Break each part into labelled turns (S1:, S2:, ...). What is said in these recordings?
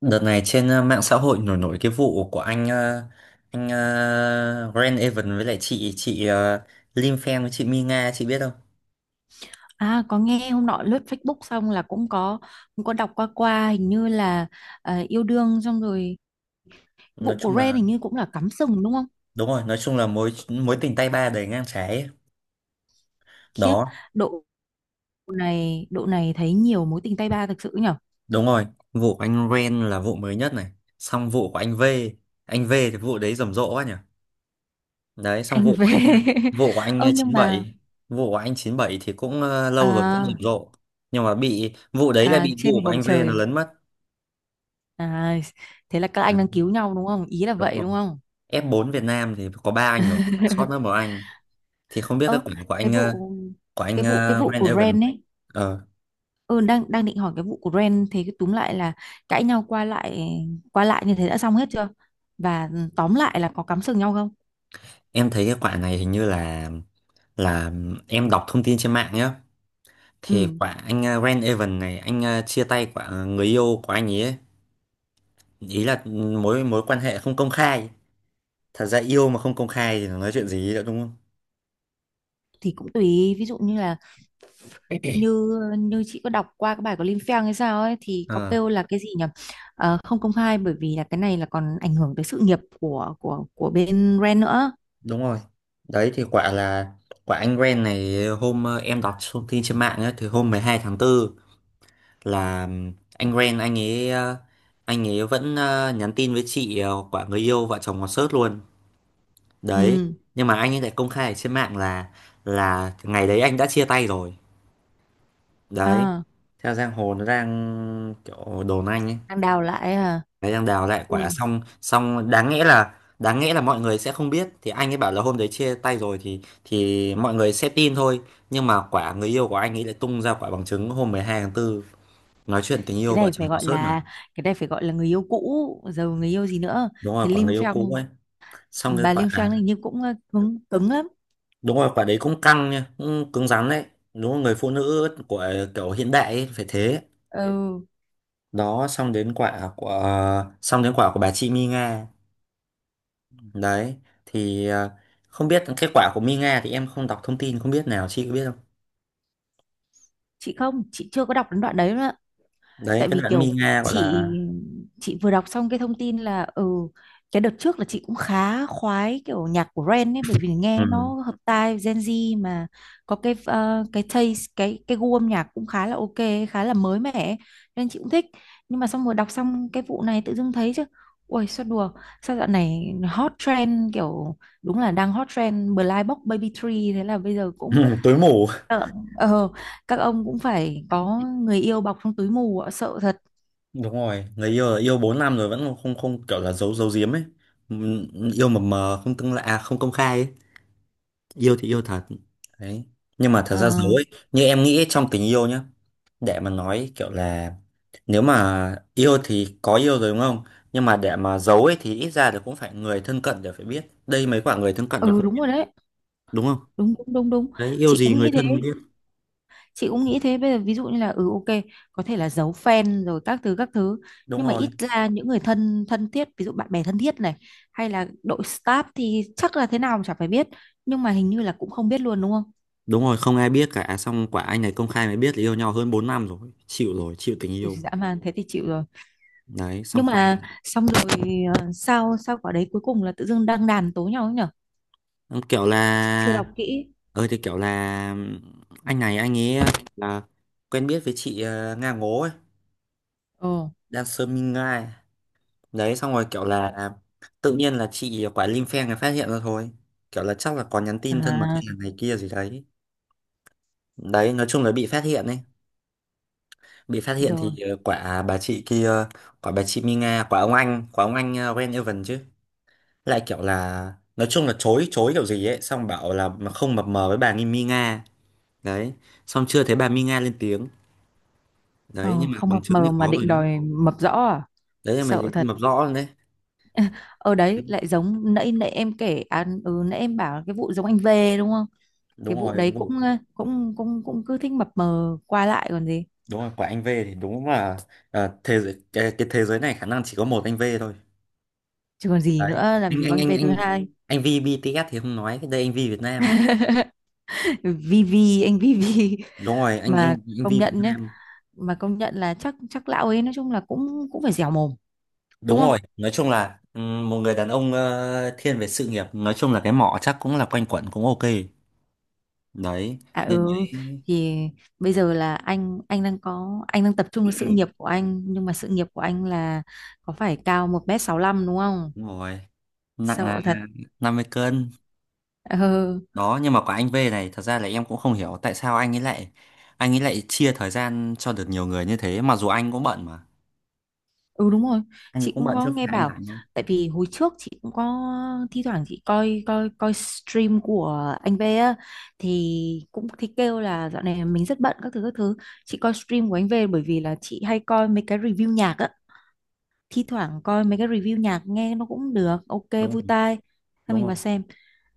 S1: Đợt này trên mạng xã hội nổi nổi cái vụ của anh Grant Evan với lại chị Lim Fan với chị Mi Nga, chị biết không?
S2: À, có nghe hôm nọ lướt Facebook xong là cũng có đọc qua qua hình như là yêu đương xong rồi,
S1: Nói
S2: vụ của
S1: chung
S2: Ren
S1: là
S2: hình như cũng là cắm sừng đúng không?
S1: đúng rồi, nói chung là mối mối tình tay ba đầy ngang trái ấy.
S2: Khiếp,
S1: Đó,
S2: độ độ này thấy nhiều mối tình tay ba thực sự nhở.
S1: đúng rồi. Vụ của anh Grant là vụ mới nhất này. Xong vụ của anh V thì vụ đấy rầm rộ quá nhỉ. Đấy, xong vụ
S2: Anh
S1: của
S2: về
S1: anh vụ của anh
S2: ơ
S1: ờ,
S2: nhưng
S1: chín
S2: mà
S1: bảy vụ của anh 97 thì cũng lâu rồi cũng rầm
S2: à,
S1: rộ. Nhưng mà bị vụ đấy là bị vụ
S2: trên
S1: của
S2: bầu
S1: anh V nó
S2: trời
S1: lấn mất.
S2: à, thế là các anh
S1: Đấy,
S2: đang cứu nhau đúng không, ý là
S1: đúng
S2: vậy
S1: rồi.
S2: đúng không?
S1: F4 Việt Nam thì có ba anh rồi, sót mất một anh, thì không biết cái
S2: Ơ
S1: quả của
S2: cái
S1: anh ờ,
S2: vụ
S1: của anh
S2: cái vụ cái
S1: uh,
S2: vụ
S1: Van
S2: của
S1: Evan
S2: Ren ấy,
S1: ờ,
S2: ừ, đang đang định hỏi cái vụ của Ren, thế cái túm lại là cãi nhau qua lại như thế đã xong hết chưa, và tóm lại là có cắm sừng nhau không?
S1: em thấy cái quả này hình như là, là em đọc thông tin trên mạng nhá, thì
S2: Ừ
S1: quả anh Van Evan này anh chia tay quả người yêu của anh ấy ấy. Ý là mối mối quan hệ không công khai. Thật ra yêu mà không công khai thì nói chuyện gì nữa đúng không.
S2: thì cũng tùy, ví dụ như là như như chị có đọc qua cái bài của Lim Feng hay sao ấy thì có
S1: Ờ,
S2: kêu là cái gì nhỉ. Ờ, không công khai bởi vì là cái này là còn ảnh hưởng tới sự nghiệp của bên Ren nữa.
S1: đúng rồi. Đấy thì quả là quả anh Ren này hôm em đọc thông tin trên mạng ấy, thì hôm 12 tháng 4 là anh Ren, anh ấy vẫn nhắn tin với chị quả người yêu, vợ chồng còn sớt luôn đấy.
S2: Ừ,
S1: Nhưng mà anh ấy lại công khai ở trên mạng là, ngày đấy anh đã chia tay rồi đấy.
S2: à,
S1: Theo giang hồ nó đang kiểu đồn anh ấy
S2: đang đào lại à.
S1: đấy đang đào lại quả,
S2: Ui,
S1: xong xong đáng nghĩa là, mọi người sẽ không biết thì anh ấy bảo là hôm đấy chia tay rồi thì mọi người sẽ tin thôi. Nhưng mà quả người yêu của anh ấy lại tung ra quả bằng chứng hôm 12 tháng 4 nói chuyện tình
S2: cái
S1: yêu vợ
S2: này
S1: chồng
S2: phải
S1: có
S2: gọi
S1: sớt mà.
S2: là, cái này phải gọi là người yêu cũ, giờ người yêu gì nữa.
S1: Đúng rồi,
S2: Thế
S1: quả
S2: Lim
S1: người yêu cũ
S2: Feng,
S1: ấy. Xong cái
S2: bà
S1: quả,
S2: Linh Phan hình như cũng cứng, cứng lắm.
S1: đúng rồi, quả đấy cũng căng nha, cũng cứng rắn đấy. Đúng rồi, người phụ nữ của kiểu hiện đại ấy, phải thế.
S2: Ừ,
S1: Đó, xong đến quả của bà chị Mi Nga đấy thì không biết kết quả của Mi Nga thì em không đọc thông tin không biết, nào chị có biết không.
S2: chị không, chị chưa có đọc đến đoạn đấy,
S1: Đấy
S2: tại
S1: cái
S2: vì
S1: đoạn Mi
S2: kiểu
S1: Nga gọi
S2: chị
S1: là,
S2: chị vừa đọc xong cái thông tin là ừ, cái đợt trước là chị cũng khá khoái kiểu nhạc của Ren ấy bởi vì nghe
S1: ừ.
S2: nó hợp tai Gen Z mà, có cái cái taste, cái gu âm nhạc cũng khá là ok, khá là mới mẻ ấy, nên chị cũng thích. Nhưng mà xong rồi đọc xong cái vụ này tự dưng thấy chứ, ôi sao đùa, sao dạo này hot trend kiểu đúng là đang hot trend Blind Box Baby Tree, thế là bây giờ cũng
S1: Tối mù.
S2: sợ. Ờ, các ông cũng phải có người yêu bọc trong túi mù ạ, sợ thật.
S1: Đúng rồi, người yêu yêu 4 năm rồi vẫn không không kiểu là giấu giấu giếm ấy. Ừ, yêu mập mờ không tương lạ à, không công khai ấy, yêu thì yêu thật. Đấy. Nhưng mà thật ra dấu
S2: Ờ,
S1: ấy, như em nghĩ trong tình yêu nhá, để mà nói kiểu là nếu mà yêu thì có yêu rồi đúng không? Nhưng mà để mà giấu ấy thì ít ra thì cũng phải người thân cận đều phải biết. Đây mấy quả người thân cận đều
S2: ừ
S1: không
S2: đúng
S1: biết,
S2: rồi đấy,
S1: đúng không,
S2: đúng đúng đúng đúng,
S1: đấy yêu
S2: chị
S1: gì
S2: cũng
S1: người
S2: nghĩ
S1: thân không
S2: thế,
S1: biết,
S2: chị cũng nghĩ thế. Bây giờ ví dụ như là ừ ok, có thể là giấu fan rồi các thứ các thứ,
S1: đúng
S2: nhưng mà
S1: rồi.
S2: ít ra những người thân thân thiết ví dụ bạn bè thân thiết này, hay là đội staff thì chắc là thế nào mà chả phải biết, nhưng mà hình như là cũng không biết luôn đúng không?
S1: Đúng rồi, không ai biết cả. Xong quả anh này công khai mới biết là yêu nhau hơn 4 năm rồi, chịu rồi, chịu tình
S2: Ui,
S1: yêu.
S2: dã man, thế thì chịu rồi.
S1: Đấy xong
S2: Nhưng
S1: quay,
S2: mà xong rồi sao sao quả đấy cuối cùng là tự dưng đăng đàn tố nhau ấy nhở,
S1: xong kiểu
S2: chưa
S1: là,
S2: đọc kỹ.
S1: thì kiểu là anh này anh ấy kiểu là quen biết với chị Nga Ngố ấy,
S2: Ồ,
S1: đang sơ minh ngai đấy, xong rồi kiểu là tự nhiên là chị quả Linh phen này phát hiện ra thôi, kiểu là chắc là có nhắn tin thân mật hay
S2: à,
S1: là này kia gì đấy, đấy nói chung là bị phát hiện ấy. Bị phát hiện
S2: rồi.
S1: thì quả bà chị kia, quả bà chị Minh Nga, quả ông anh, quả ông anh Ren Evan chứ, lại kiểu là nói chung là chối chối kiểu gì ấy, xong bảo là mà không mập mờ với bà nghi Mi Nga. Đấy, xong chưa thấy bà Mi Nga lên tiếng đấy
S2: Ờ,
S1: nhưng mà
S2: không
S1: bằng
S2: mập
S1: chứng thì
S2: mờ mà
S1: có rồi
S2: định
S1: nhá.
S2: đòi mập rõ à?
S1: Đấy là
S2: Sợ
S1: mình nhưng
S2: thật.
S1: mà rõ rồi đấy.
S2: Ở đấy lại giống nãy nãy em kể à, nãy em bảo cái vụ giống anh về đúng không,
S1: Đúng
S2: cái vụ
S1: rồi
S2: đấy cũng
S1: vụ,
S2: cũng cứ thích mập mờ qua lại còn gì,
S1: đúng rồi quả anh V thì đúng là thế giới cái thế giới này khả năng chỉ có một anh V thôi.
S2: chứ còn gì
S1: Đấy,
S2: nữa, làm
S1: anh
S2: gì có
S1: anh
S2: anh
S1: anh
S2: về thứ
S1: anh
S2: hai.
S1: anh V BTS thì không nói, cái đây anh V Việt Nam.
S2: Vivi, anh Vivi,
S1: Đúng rồi, anh
S2: mà
S1: anh anh V
S2: công
S1: Việt
S2: nhận nhé,
S1: Nam.
S2: mà công nhận là chắc chắc lão ấy nói chung là cũng cũng phải dẻo mồm đúng
S1: Đúng
S2: không?
S1: rồi, nói chung là một người đàn ông thiên về sự nghiệp, nói chung là cái mỏ chắc cũng là quanh quẩn cũng ok. Đấy
S2: À
S1: nên
S2: ừ,
S1: đấy
S2: thì bây giờ là anh đang tập trung vào sự nghiệp của anh, nhưng mà sự nghiệp của anh là có phải cao 1m65 đúng không?
S1: đúng rồi. Nặng là
S2: Sợ thật.
S1: 50 cân.
S2: Ờ,
S1: Đó, nhưng mà quả anh V này thật ra là em cũng không hiểu tại sao anh ấy lại, chia thời gian cho được nhiều người như thế mặc dù anh cũng bận mà.
S2: ừ đúng rồi,
S1: Anh
S2: chị
S1: cũng
S2: cũng
S1: bận
S2: có
S1: chứ
S2: nghe
S1: phải anh
S2: bảo,
S1: rảnh không.
S2: tại vì hồi trước chị cũng có thi thoảng chị coi coi coi stream của anh V á, thì cũng thì kêu là dạo này mình rất bận các thứ các thứ, chị coi stream của anh V bởi vì là chị hay coi mấy cái review nhạc á, thi thoảng coi mấy cái review nhạc nghe nó cũng được ok,
S1: Đúng
S2: vui
S1: rồi,
S2: tai, thế
S1: đúng
S2: mình vào
S1: rồi,
S2: xem,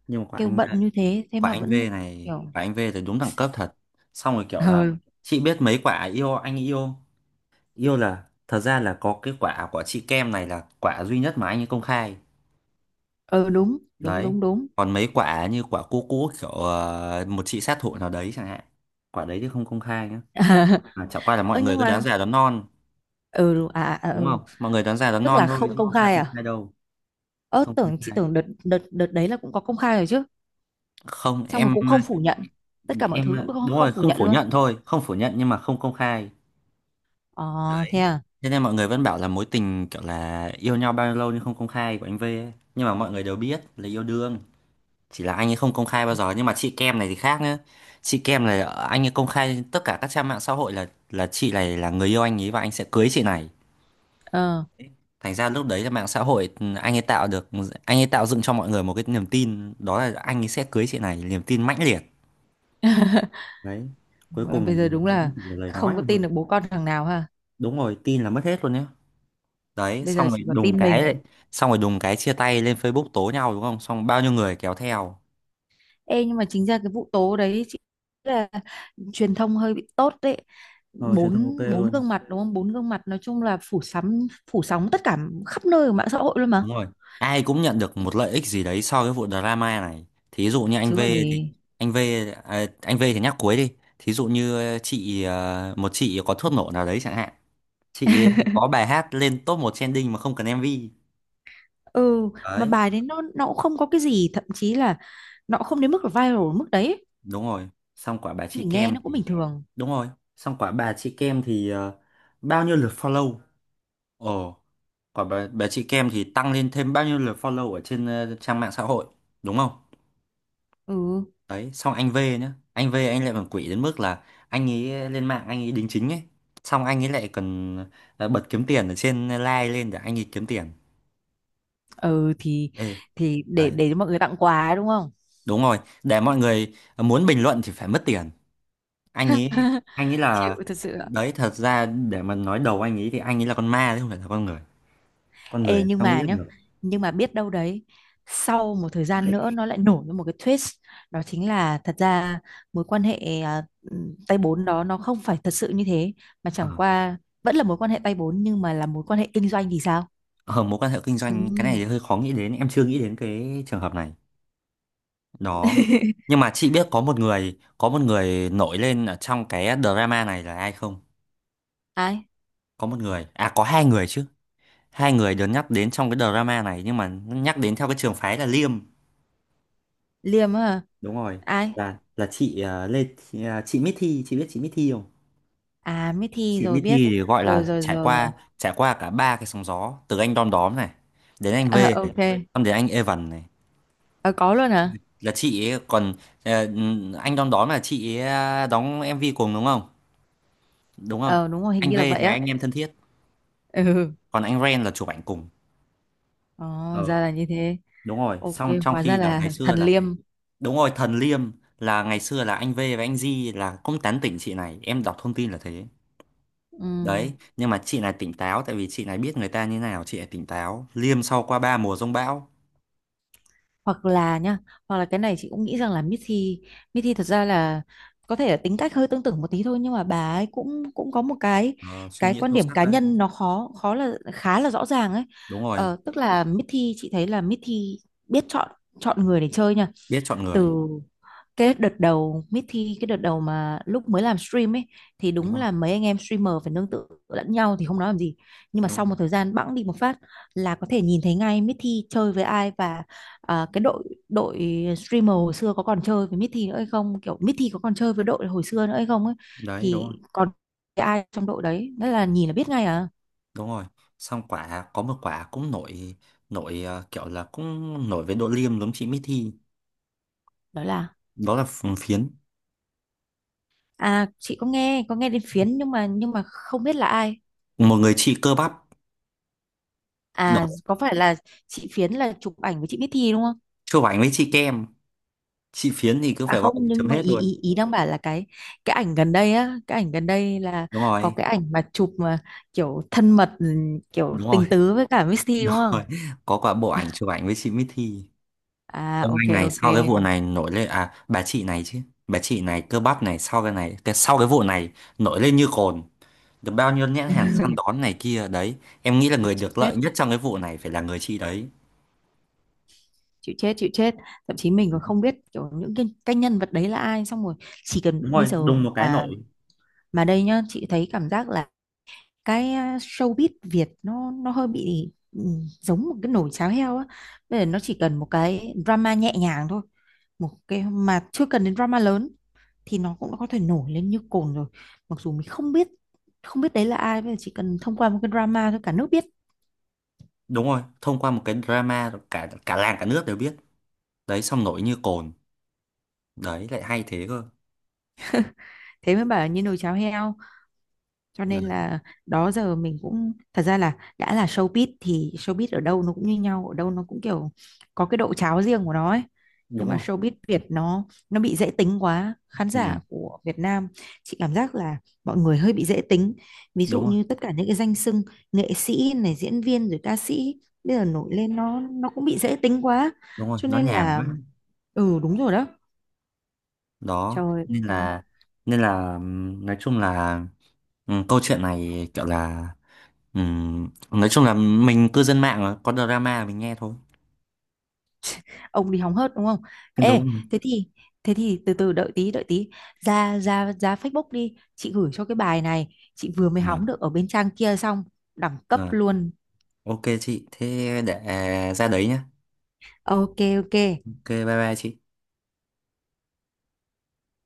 S1: nhưng mà
S2: kêu bận như thế thế
S1: quả
S2: mà
S1: anh V
S2: vẫn
S1: này,
S2: kiểu
S1: quả anh V thì đúng đẳng cấp thật. Xong rồi
S2: ờ
S1: kiểu là, chị biết mấy quả yêu anh, yêu yêu là thật ra là có cái quả của chị Kem này là quả duy nhất mà anh ấy công khai.
S2: ờ đúng đúng
S1: Đấy,
S2: đúng đúng.
S1: còn mấy quả như quả cũ cũ kiểu một chị sát thủ nào đấy chẳng hạn. Quả đấy thì không công khai nhá, mà chẳng qua là
S2: Ờ
S1: mọi người
S2: nhưng
S1: cứ đoán
S2: mà
S1: già đoán non,
S2: ừ
S1: đúng
S2: ừ.
S1: không, mọi người đoán già đoán
S2: Tức
S1: non
S2: là
S1: thôi
S2: không
S1: chứ
S2: công
S1: thật ra
S2: khai
S1: công
S2: à?
S1: khai đâu.
S2: Ơ
S1: Không công
S2: tưởng, chị
S1: khai.
S2: tưởng đợt đợt đợt đấy là cũng có công khai rồi chứ.
S1: Không
S2: Xong rồi
S1: em.
S2: cũng không phủ nhận. Tất cả mọi
S1: Em,
S2: thứ cũng không,
S1: đúng
S2: không
S1: rồi,
S2: phủ
S1: không
S2: nhận
S1: phủ
S2: luôn.
S1: nhận thôi, không phủ nhận nhưng mà không công khai.
S2: Ờ, thế à?
S1: Thế nên mọi người vẫn bảo là mối tình kiểu là yêu nhau bao nhiêu lâu nhưng không công khai của anh V ấy. Nhưng mà mọi người đều biết là yêu đương, chỉ là anh ấy không công khai bao giờ. Nhưng mà chị Kem này thì khác nữa. Chị Kem này anh ấy công khai trên tất cả các trang mạng xã hội là, chị này là người yêu anh ấy và anh sẽ cưới chị này.
S2: Ờ,
S1: Thành ra lúc đấy là mạng xã hội, anh ấy tạo được anh ấy tạo dựng cho mọi người một cái niềm tin, đó là anh ấy sẽ cưới chị này, niềm tin mãnh liệt đấy. Cuối cùng
S2: bây giờ đúng
S1: vẫn
S2: là
S1: chỉ là lời nói
S2: không có
S1: thôi.
S2: tin được bố con thằng nào ha.
S1: Đúng rồi, tin là mất hết luôn nhá. Đấy
S2: Bây giờ
S1: xong rồi
S2: chỉ có
S1: đùng
S2: tin
S1: cái đấy
S2: mình.
S1: Xong rồi đùng cái chia tay lên Facebook tố nhau đúng không, xong bao nhiêu người kéo theo.
S2: Ê nhưng mà chính ra cái vụ tố đấy chị nghĩ là truyền thông hơi bị tốt đấy.
S1: Ờ Truyền thông ok
S2: Bốn bốn
S1: luôn,
S2: gương mặt đúng không? Bốn gương mặt nói chung là phủ sóng, phủ sóng tất cả khắp nơi ở mạng xã hội luôn mà.
S1: đúng rồi. Ai cũng nhận được một lợi ích gì đấy sau cái vụ drama này. Thí dụ như anh
S2: Chứ
S1: V
S2: còn
S1: thì
S2: gì.
S1: anh V, à, anh V thì nhắc cuối đi. Thí dụ như một chị có thuốc nổ nào đấy chẳng hạn, chị ấy có bài hát lên top 1 trending mà không cần MV
S2: Ừ, mà
S1: đấy,
S2: bài đấy nó cũng không có cái gì, thậm chí là nó cũng không đến mức là viral ở mức đấy,
S1: đúng rồi. Xong quả bà chị
S2: mình nghe
S1: Kem
S2: nó cũng bình
S1: thì
S2: thường.
S1: đúng rồi, xong quả bà chị Kem thì bao nhiêu lượt follow. Ồ, còn bà chị Kem thì tăng lên thêm bao nhiêu lượt follow ở trên trang mạng xã hội, đúng không?
S2: Ừ
S1: Đấy, xong anh V nhá. Anh V anh lại còn quỷ đến mức là anh ấy lên mạng anh ấy đính chính ấy. Xong anh ấy lại còn bật kiếm tiền ở trên like lên để anh ấy kiếm tiền.
S2: ừ thì
S1: Ê,
S2: thì để
S1: đấy,
S2: để cho mọi người tặng quà ấy, đúng không?
S1: đúng rồi. Để mọi người muốn bình luận thì phải mất tiền. Anh ấy, anh ấy
S2: Chịu
S1: là...
S2: thật sự ạ.
S1: Đấy, thật ra để mà nói đầu anh ấy thì anh ấy là con ma chứ không phải là con người. Con
S2: Ê
S1: người
S2: nhưng
S1: sao nghĩ
S2: mà nhá
S1: được.
S2: nhưng mà biết đâu đấy sau một thời gian nữa nó lại nổi ra một cái twist, đó chính là thật ra mối quan hệ tay bốn đó nó không phải thật sự như thế, mà chẳng
S1: Được.
S2: qua vẫn là mối quan hệ tay bốn nhưng mà là mối quan hệ kinh doanh thì sao.
S1: Ở mối quan hệ kinh doanh cái này thì
S2: Ừm.
S1: hơi khó nghĩ đến, em chưa nghĩ đến cái trường hợp này. Đó, nhưng mà chị biết có một người nổi lên ở trong cái drama này là ai không?
S2: Ai,
S1: Có một người, à có hai người chứ, hai người được nhắc đến trong cái drama này nhưng mà nhắc đến theo cái trường phái là Liêm.
S2: liêm á hả?
S1: Đúng rồi,
S2: Ai,
S1: là chị Lê, chị, chị Mỹ Thi, chị biết chị Mỹ Thi không?
S2: à mới thi
S1: Chị
S2: rồi
S1: Mỹ
S2: biết,
S1: Thi thì gọi
S2: rồi
S1: là
S2: rồi
S1: trải
S2: rồi.
S1: qua, cả ba cái sóng gió, từ anh Đom Đóm này đến anh V
S2: Ờ,
S1: này,
S2: ok.
S1: xong đến anh Evan này.
S2: Ờ, có luôn hả?
S1: Là chị ấy còn ờ, anh đón đón là chị ấy à, đóng MV cùng đúng không, đúng không.
S2: Ờ, đúng rồi, hình
S1: Anh V
S2: như là vậy
S1: thì
S2: á.
S1: anh em thân thiết,
S2: Ừ.
S1: còn anh Ren là chụp ảnh cùng.
S2: Ờ,
S1: ờ
S2: ra là như thế.
S1: Đúng rồi,
S2: Ok,
S1: xong trong
S2: hóa ra
S1: khi là ngày
S2: là
S1: xưa
S2: thần
S1: là
S2: liêm.
S1: đúng rồi Thần Liêm là ngày xưa là anh V và anh Di là cũng tán tỉnh chị này, em đọc thông tin là thế.
S2: Ừm,
S1: Đấy nhưng mà chị này tỉnh táo, tại vì chị này biết người ta như nào, chị này tỉnh táo Liêm sau qua ba mùa giông bão.
S2: Hoặc là nhá, hoặc là cái này chị cũng nghĩ rằng là Missy thật ra là có thể là tính cách hơi tương tự một tí thôi, nhưng mà bà ấy cũng cũng có một cái
S1: Ờ, suy
S2: cái
S1: nghĩ
S2: quan
S1: sâu
S2: điểm
S1: sắc
S2: cá
S1: đấy,
S2: nhân nó khó khó là khá là rõ ràng ấy.
S1: đúng rồi,
S2: Ờ, tức là Missy, chị thấy là Missy biết chọn chọn người để chơi nha,
S1: biết chọn
S2: từ
S1: người,
S2: cái đợt đầu mới thi, cái đợt đầu mà lúc mới làm stream ấy, thì
S1: đúng
S2: đúng
S1: rồi,
S2: là mấy anh em streamer phải nương tựa lẫn nhau thì không nói làm gì, nhưng mà
S1: đúng rồi.
S2: sau một thời gian bẵng đi một phát là có thể nhìn thấy ngay Mithi chơi với ai, và cái đội đội streamer hồi xưa có còn chơi với Mithi nữa hay không, kiểu Mithi có còn chơi với đội hồi xưa nữa hay không ấy,
S1: Đấy đúng rồi,
S2: thì còn cái ai trong đội đấy đó là nhìn là biết ngay à.
S1: đúng rồi. Xong quả có một quả cũng nổi, nổi kiểu là cũng nổi với độ liêm giống chị Mithy,
S2: Đó là,
S1: đó là phiến,
S2: à chị có nghe đến Phiến nhưng mà không biết là ai.
S1: một người chị cơ bắp. Đó,
S2: À có phải là chị Phiến là chụp ảnh với chị Bích Thi đúng không?
S1: chụp ảnh với chị Kem. Chị Phiến thì cứ
S2: À
S1: phải gọi
S2: không,
S1: là
S2: nhưng
S1: chấm
S2: mà
S1: hết
S2: ý
S1: luôn.
S2: ý ý đang bảo là cái ảnh gần đây á, cái ảnh gần đây là
S1: Đúng
S2: có
S1: rồi,
S2: cái ảnh mà chụp mà kiểu thân mật, kiểu
S1: đúng rồi,
S2: tình tứ với cả Miss Thi
S1: đúng
S2: đúng
S1: rồi,
S2: không?
S1: có quả bộ ảnh chụp ảnh với chị Mithy.
S2: À
S1: Ông
S2: ok
S1: anh này sau cái
S2: ok.
S1: vụ này nổi lên, à bà chị này chứ, bà chị này cơ bắp này sau cái này, sau cái vụ này nổi lên như cồn, được bao nhiêu nhãn hàng săn đón này kia đấy. Em nghĩ là người
S2: Chịu
S1: được lợi
S2: chết,
S1: nhất trong cái vụ này phải là người chị đấy.
S2: chịu chết, chịu chết. Thậm chí mình còn không biết kiểu những cái nhân vật đấy là ai, xong rồi chỉ cần
S1: Đúng
S2: bây
S1: rồi,
S2: giờ
S1: đùng một cái
S2: mà
S1: nổi.
S2: mà đây nhá, chị thấy cảm giác là cái showbiz Việt nó hơi bị giống một cái nồi cháo heo á, bây giờ nó chỉ cần một cái drama nhẹ nhàng thôi, một cái mà chưa cần đến drama lớn thì nó cũng đã có thể nổi lên như cồn rồi, mặc dù mình không biết không biết đấy là ai, bây giờ chỉ cần thông qua một cái drama thôi cả nước biết.
S1: Đúng rồi, thông qua một cái drama rồi cả cả làng cả nước đều biết. Đấy xong nổi như cồn, đấy lại hay thế cơ.
S2: Thế mới bảo là như nồi cháo heo, cho nên
S1: Đấy,
S2: là đó giờ mình cũng thật ra là đã là showbiz thì showbiz ở đâu nó cũng như nhau, ở đâu nó cũng kiểu có cái độ cháo riêng của nó ấy,
S1: đúng
S2: nhưng mà
S1: rồi.
S2: showbiz Việt nó bị dễ tính quá, khán
S1: Ừ,
S2: giả của Việt Nam, chị cảm giác là mọi người hơi bị dễ tính, ví dụ
S1: đúng rồi,
S2: như tất cả những cái danh xưng nghệ sĩ này diễn viên rồi ca sĩ bây giờ nổi lên nó cũng bị dễ tính quá,
S1: đúng rồi,
S2: cho
S1: nó
S2: nên
S1: nhàm
S2: là
S1: quá.
S2: ừ đúng rồi đó.
S1: Đó
S2: Trời
S1: nên
S2: ơi,
S1: là, nói chung là, câu chuyện này kiểu là, nói chung là mình cư dân mạng mà, có drama mình nghe thôi,
S2: ông đi hóng hớt đúng không. Ê,
S1: đúng rồi.
S2: thế thì thế thì từ từ đợi tí đợi tí, ra ra ra Facebook đi, chị gửi cho cái bài này, chị vừa mới hóng
S1: Ừ,
S2: được ở bên trang kia xong, đẳng cấp
S1: rồi.
S2: luôn.
S1: Ok chị thế để, ra đấy nhá.
S2: Ok, ok.
S1: Ok, bye bye chị.